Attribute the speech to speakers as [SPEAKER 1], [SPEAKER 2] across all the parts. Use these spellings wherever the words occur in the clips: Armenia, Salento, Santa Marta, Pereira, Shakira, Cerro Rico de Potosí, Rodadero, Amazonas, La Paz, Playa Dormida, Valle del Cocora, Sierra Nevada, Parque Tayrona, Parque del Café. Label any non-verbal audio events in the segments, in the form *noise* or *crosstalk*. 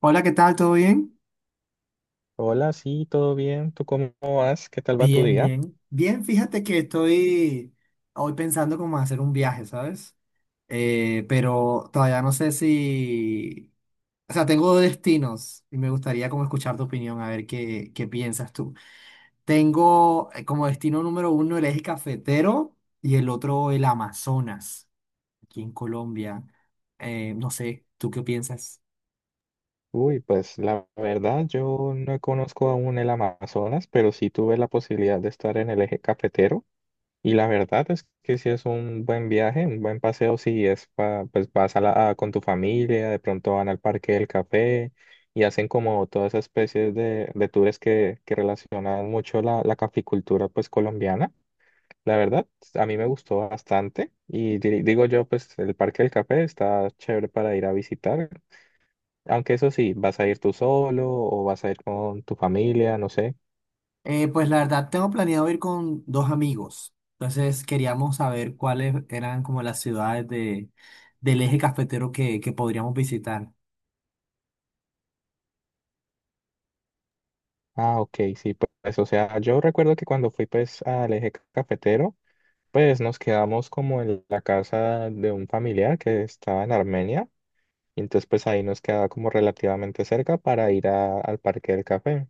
[SPEAKER 1] Hola, ¿qué tal? ¿Todo bien?
[SPEAKER 2] Hola, sí, todo bien. ¿Tú cómo vas? ¿Qué tal va tu
[SPEAKER 1] Bien,
[SPEAKER 2] día?
[SPEAKER 1] bien. Bien, fíjate que estoy hoy pensando cómo hacer un viaje, ¿sabes? Pero todavía no sé si... O sea, tengo dos destinos y me gustaría como escuchar tu opinión, a ver qué piensas tú. Tengo como destino número 1 el eje cafetero y el otro el Amazonas, aquí en Colombia. No sé, ¿tú qué piensas?
[SPEAKER 2] Uy, pues la verdad, yo no conozco aún el Amazonas, pero sí tuve la posibilidad de estar en el eje cafetero. Y la verdad es que sí es un buen viaje, un buen paseo, si es pues vas a con tu familia, de pronto van al Parque del Café y hacen como todas esas especies de tours que relacionan mucho la caficultura pues colombiana. La verdad, a mí me gustó bastante y digo yo, pues el Parque del Café está chévere para ir a visitar, aunque eso sí, vas a ir tú solo o vas a ir con tu familia, no sé.
[SPEAKER 1] Pues la verdad, tengo planeado ir con dos amigos. Entonces queríamos saber cuáles eran como las ciudades del eje cafetero que podríamos visitar.
[SPEAKER 2] Ah, ok, sí, pues, o sea, yo recuerdo que cuando fui pues al eje cafetero, pues nos quedamos como en la casa de un familiar que estaba en Armenia, y entonces pues ahí nos quedaba como relativamente cerca para ir al Parque del Café.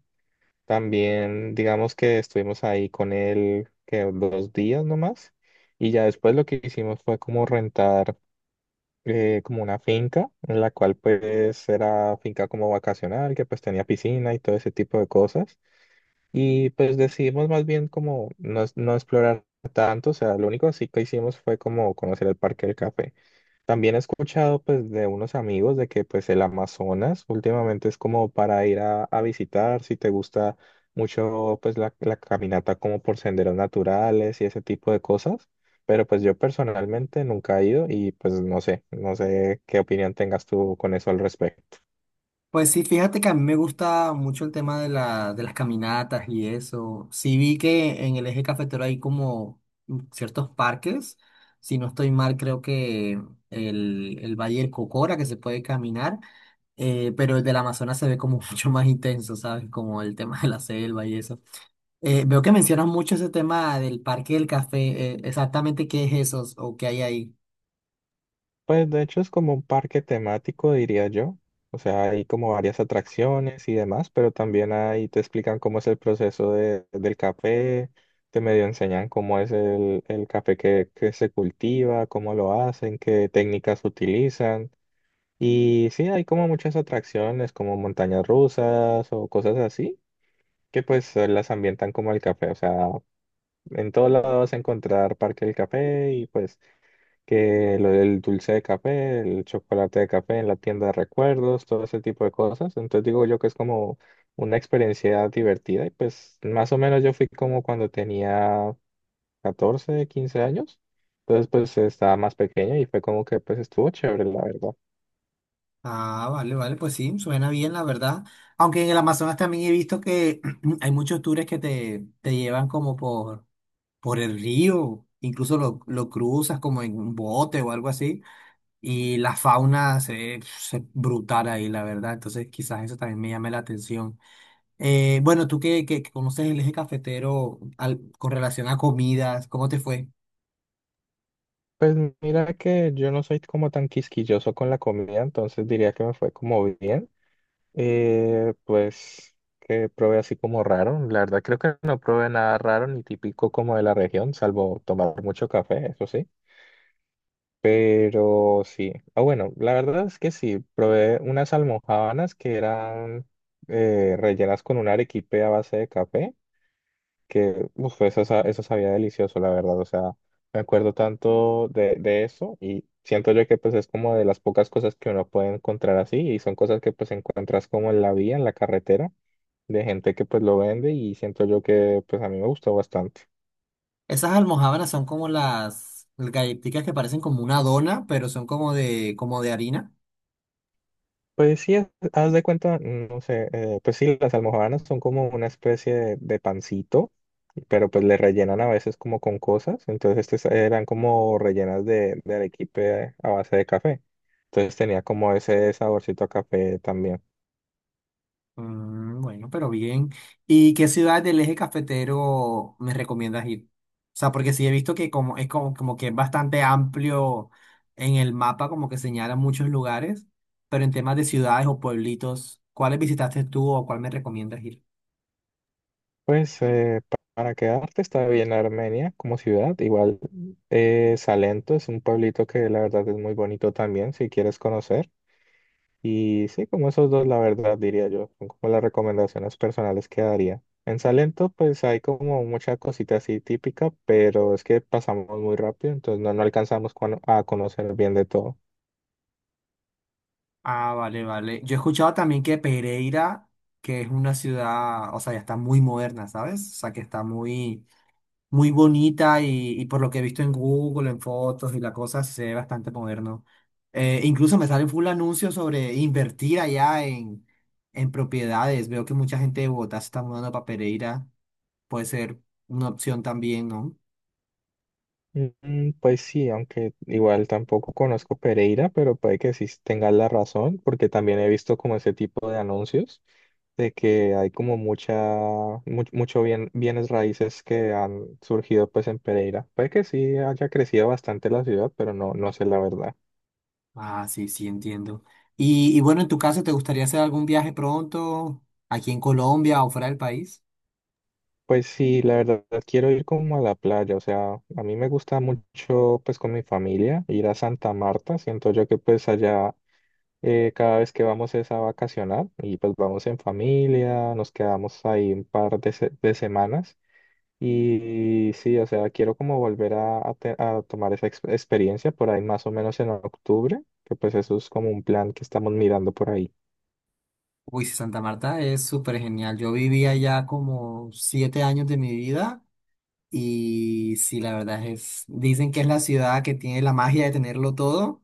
[SPEAKER 2] También, digamos que estuvimos ahí con él que 2 días nomás y ya después lo que hicimos fue como rentar como una finca en la cual pues era finca como vacacional que pues tenía piscina y todo ese tipo de cosas y pues decidimos más bien como no, no explorar tanto, o sea, lo único así que hicimos fue como conocer el Parque del Café. También he escuchado pues de unos amigos de que pues el Amazonas últimamente es como para ir a visitar, si te gusta mucho pues la caminata como por senderos naturales y ese tipo de cosas, pero pues yo personalmente nunca he ido y pues no sé, no sé qué opinión tengas tú con eso al respecto.
[SPEAKER 1] Pues sí, fíjate que a mí me gusta mucho el tema de de las caminatas y eso. Sí vi que en el eje cafetero hay como ciertos parques. Si no estoy mal, creo que el Valle del Cocora, que se puede caminar, pero el del Amazonas se ve como *laughs* mucho más intenso, ¿sabes? Como el tema de la selva y eso. Veo que mencionas mucho ese tema del parque del café. Exactamente qué es eso o qué hay ahí.
[SPEAKER 2] Pues de hecho es como un parque temático, diría yo. O sea, hay como varias atracciones y demás, pero también ahí te explican cómo es el proceso del café, te medio enseñan cómo es el café que se cultiva, cómo lo hacen, qué técnicas utilizan. Y sí, hay como muchas atracciones, como montañas rusas o cosas así, que pues las ambientan como el café. O sea, en todos lados vas a encontrar Parque del Café y pues que lo del dulce de café, el chocolate de café en la tienda de recuerdos, todo ese tipo de cosas. Entonces digo yo que es como una experiencia divertida y pues más o menos yo fui como cuando tenía 14, 15 años. Entonces pues estaba más pequeño y fue como que pues estuvo chévere, la verdad.
[SPEAKER 1] Ah, vale, vale, pues sí, suena bien, la verdad. Aunque en el Amazonas también he visto que *clears throat* hay muchos tours que te llevan como por el río, incluso lo cruzas como en un bote o algo así. Y la fauna se brutal ahí, la verdad. Entonces, quizás eso también me llame la atención. Bueno, tú que conoces el eje cafetero al- con relación a comidas, ¿cómo te fue?
[SPEAKER 2] Pues mira que yo no soy como tan quisquilloso con la comida, entonces diría que me fue como bien. Pues que probé así como raro. La verdad creo que no probé nada raro ni típico como de la región, salvo tomar mucho café, eso sí. Pero sí. Ah, bueno, la verdad es que sí, probé unas almojábanas que eran rellenas con un arequipe a base de café que uf, eso, eso sabía delicioso, la verdad. O sea, me acuerdo tanto de eso y siento yo que pues es como de las pocas cosas que uno puede encontrar así y son cosas que pues encuentras como en la vía, en la carretera, de gente que pues lo vende y siento yo que pues a mí me gustó bastante.
[SPEAKER 1] Esas almojábanas son como las galletitas que parecen como una dona, pero son como como de harina.
[SPEAKER 2] Pues sí, haz de cuenta, no sé, pues sí, las almojábanas son como una especie de pancito, pero pues le rellenan a veces como con cosas, entonces estas eran como rellenas de arequipe a base de café, entonces tenía como ese saborcito a café también.
[SPEAKER 1] Mm, bueno, pero bien. ¿Y qué ciudad del eje cafetero me recomiendas ir? O sea, porque sí he visto que como es como que es bastante amplio en el mapa, como que señala muchos lugares, pero en temas de ciudades o pueblitos, ¿cuáles visitaste tú o cuál me recomiendas ir?
[SPEAKER 2] Pues para quedarte está bien Armenia como ciudad, igual Salento es un pueblito que la verdad es muy bonito también, si quieres conocer. Y sí, como esos dos, la verdad, diría yo, son como las recomendaciones personales que daría. En Salento, pues hay como mucha cosita así típica, pero es que pasamos muy rápido, entonces no, no alcanzamos a conocer bien de todo.
[SPEAKER 1] Ah, vale, vale. Yo he escuchado también que Pereira, que es una ciudad, o sea, ya está muy moderna, ¿sabes? O sea, que está muy muy bonita y por lo que he visto en Google, en fotos y la cosa, se ve bastante moderno. Incluso me salen full anuncios sobre invertir allá en propiedades. Veo que mucha gente de Bogotá se está mudando para Pereira. Puede ser una opción también, ¿no?
[SPEAKER 2] Mm, pues sí, aunque igual tampoco conozco Pereira, pero puede que sí tengas la razón, porque también he visto como ese tipo de anuncios de que hay como mucha, mucho bienes raíces que han surgido pues en Pereira. Puede que sí haya crecido bastante la ciudad, pero no, no sé la verdad.
[SPEAKER 1] Ah, sí, sí, entiendo. Y bueno, en tu caso, ¿te gustaría hacer algún viaje pronto aquí en Colombia o fuera del país?
[SPEAKER 2] Pues sí, la verdad quiero ir como a la playa, o sea, a mí me gusta mucho pues con mi familia ir a Santa Marta, siento yo que pues allá cada vez que vamos es a vacacionar y pues vamos en familia, nos quedamos ahí un par de, de semanas y sí, o sea, quiero como volver a a tomar esa experiencia por ahí más o menos en octubre, que pues eso es como un plan que estamos mirando por ahí.
[SPEAKER 1] Uy, sí, Santa Marta es súper genial. Yo viví allá como 7 años de mi vida. Y sí, la verdad es, dicen que es la ciudad que tiene la magia de tenerlo todo,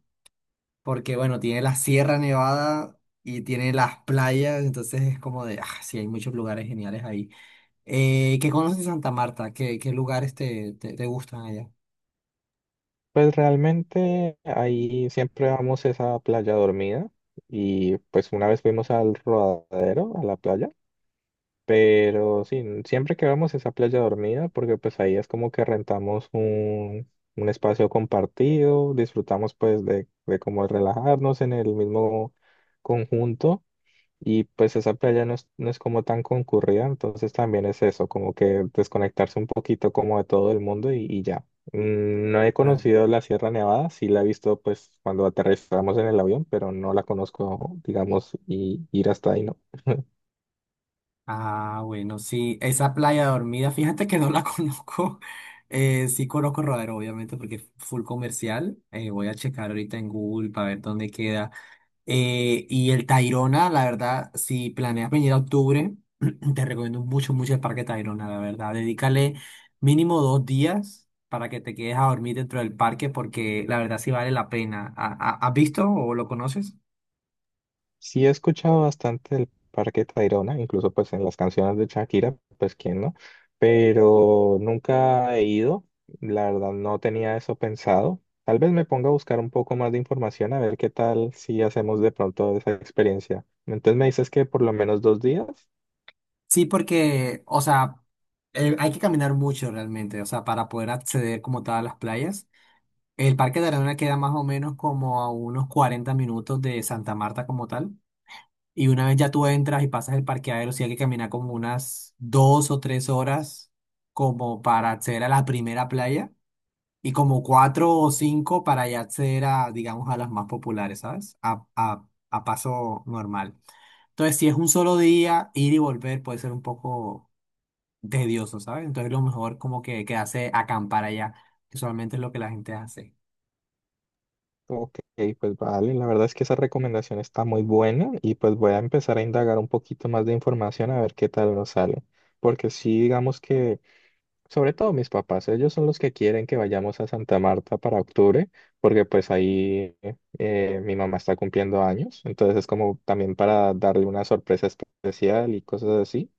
[SPEAKER 1] porque bueno, tiene la Sierra Nevada y tiene las playas, entonces es como de, ah, sí, hay muchos lugares geniales ahí. ¿Qué conoces de Santa Marta? ¿Qué, qué lugares te gustan allá?
[SPEAKER 2] Pues realmente ahí siempre vamos es a playa dormida y pues una vez fuimos al Rodadero, a la playa. Pero sí, siempre que vamos es a Playa Dormida, porque pues ahí es como que rentamos un espacio compartido, disfrutamos pues de como relajarnos en el mismo conjunto y pues esa playa no es, no es como tan concurrida, entonces también es eso, como que desconectarse un poquito como de todo el mundo y ya. Mm, no he
[SPEAKER 1] Claro.
[SPEAKER 2] conocido la Sierra Nevada, sí la he visto pues cuando aterrizamos en el avión, pero no la conozco, digamos, y ir hasta ahí, ¿no?
[SPEAKER 1] Ah, bueno, sí, esa playa dormida, fíjate que no la *laughs* conozco. Sí conozco Rodero, obviamente, porque es full comercial. Voy a checar ahorita en Google para ver dónde queda. Y el Tayrona, la verdad, si planeas venir a octubre, *clears throat* te recomiendo mucho, mucho el Parque Tayrona, la verdad. Dedícale mínimo 2 días para que te quedes a dormir dentro del parque, porque la verdad sí vale la pena. ¿Has visto o lo conoces?
[SPEAKER 2] Sí he escuchado bastante del Parque Tayrona, incluso pues en las canciones de Shakira, pues quién no, pero nunca he ido, la verdad no tenía eso pensado. Tal vez me ponga a buscar un poco más de información a ver qué tal si hacemos de pronto esa experiencia. Entonces me dices que por lo menos 2 días.
[SPEAKER 1] Sí, porque, o sea, hay que caminar mucho realmente, o sea, para poder acceder como tal a las playas. El Parque Tayrona queda más o menos como a unos 40 minutos de Santa Marta como tal. Y una vez ya tú entras y pasas el parqueadero, sí hay que caminar como unas 2 o 3 horas como para acceder a la primera playa y como 4 o 5 para ya acceder a, digamos, a las más populares, ¿sabes? A paso normal. Entonces, si es un solo día, ir y volver puede ser un poco tedioso, ¿sabes? Entonces, lo mejor como que quedarse a acampar allá, que solamente es lo que la gente hace.
[SPEAKER 2] Ok, pues vale, la verdad es que esa recomendación está muy buena y pues voy a empezar a indagar un poquito más de información a ver qué tal nos sale. Porque sí, digamos que... Sobre todo mis papás, ellos son los que quieren que vayamos a Santa Marta para octubre, porque pues ahí mi mamá está cumpliendo años, entonces es como también para darle una sorpresa especial y cosas así.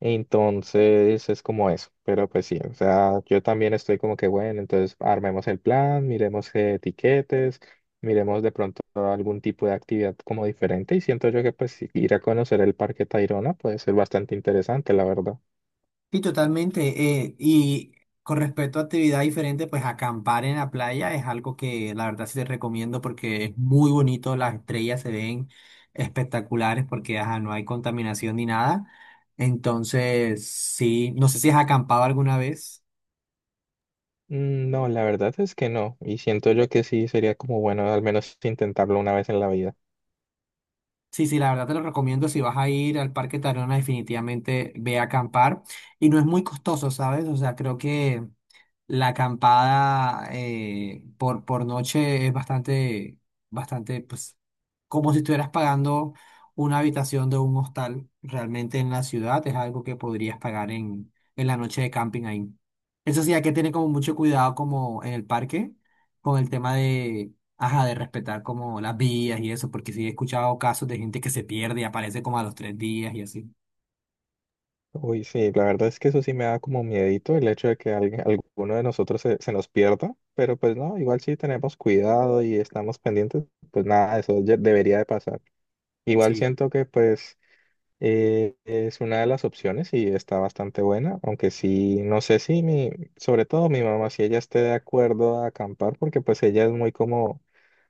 [SPEAKER 2] Entonces es como eso, pero pues sí, o sea, yo también estoy como que bueno, entonces armemos el plan, miremos qué tiquetes, miremos de pronto algún tipo de actividad como diferente y siento yo que pues ir a conocer el Parque Tayrona puede ser bastante interesante, la verdad.
[SPEAKER 1] Sí, totalmente. Y con respecto a actividad diferente, pues acampar en la playa es algo que la verdad sí te recomiendo porque es muy bonito, las estrellas se ven espectaculares porque ajá, no hay contaminación ni nada. Entonces, sí, no sé si has acampado alguna vez.
[SPEAKER 2] Mm, no, la verdad es que no. Y siento yo que sí sería como bueno al menos intentarlo una vez en la vida.
[SPEAKER 1] Sí, sí, la verdad te lo recomiendo. Si vas a ir al Parque Tayrona, definitivamente ve a acampar. Y no es muy costoso, ¿sabes? O sea, creo que... La acampada por noche es bastante, bastante, pues, como si estuvieras pagando una habitación de un hostal. Realmente en la ciudad es algo que podrías pagar en la noche de camping ahí. Eso sí, hay que tener como mucho cuidado como en el parque con el tema de, ajá, de respetar como las vías y eso, porque sí he escuchado casos de gente que se pierde y aparece como a los 3 días y así.
[SPEAKER 2] Uy, sí, la verdad es que eso sí me da como miedito el hecho de que alguien- alguno de nosotros se, se nos pierda. Pero pues no, igual sí tenemos cuidado y estamos pendientes, pues nada, eso ya debería de pasar. Igual
[SPEAKER 1] Sí,
[SPEAKER 2] siento que pues es una de las opciones y está bastante buena. Aunque sí, no sé si mi, sobre todo mi mamá, si ella esté de acuerdo a acampar, porque pues ella es muy como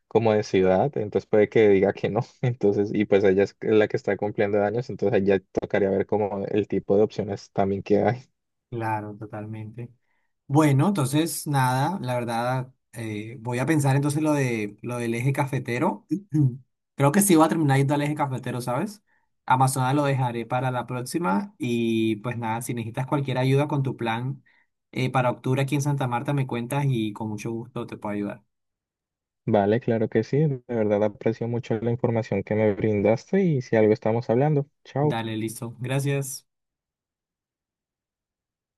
[SPEAKER 2] como de ciudad, entonces puede que diga que no, *laughs* entonces, y pues ella es la que está cumpliendo años, entonces ahí ya tocaría ver como el tipo de opciones también que hay. *laughs*
[SPEAKER 1] claro, totalmente. Bueno, entonces nada, la verdad, voy a pensar entonces lo de lo del eje cafetero. *clears throat* Creo que sí voy a terminar yendo al eje cafetero, ¿sabes? Amazonas lo dejaré para la próxima y pues nada, si necesitas cualquier ayuda con tu plan para octubre aquí en Santa Marta, me cuentas y con mucho gusto te puedo ayudar.
[SPEAKER 2] Vale, claro que sí, de verdad aprecio mucho la información que me brindaste y si algo estamos hablando, chao.
[SPEAKER 1] Dale, listo. Gracias.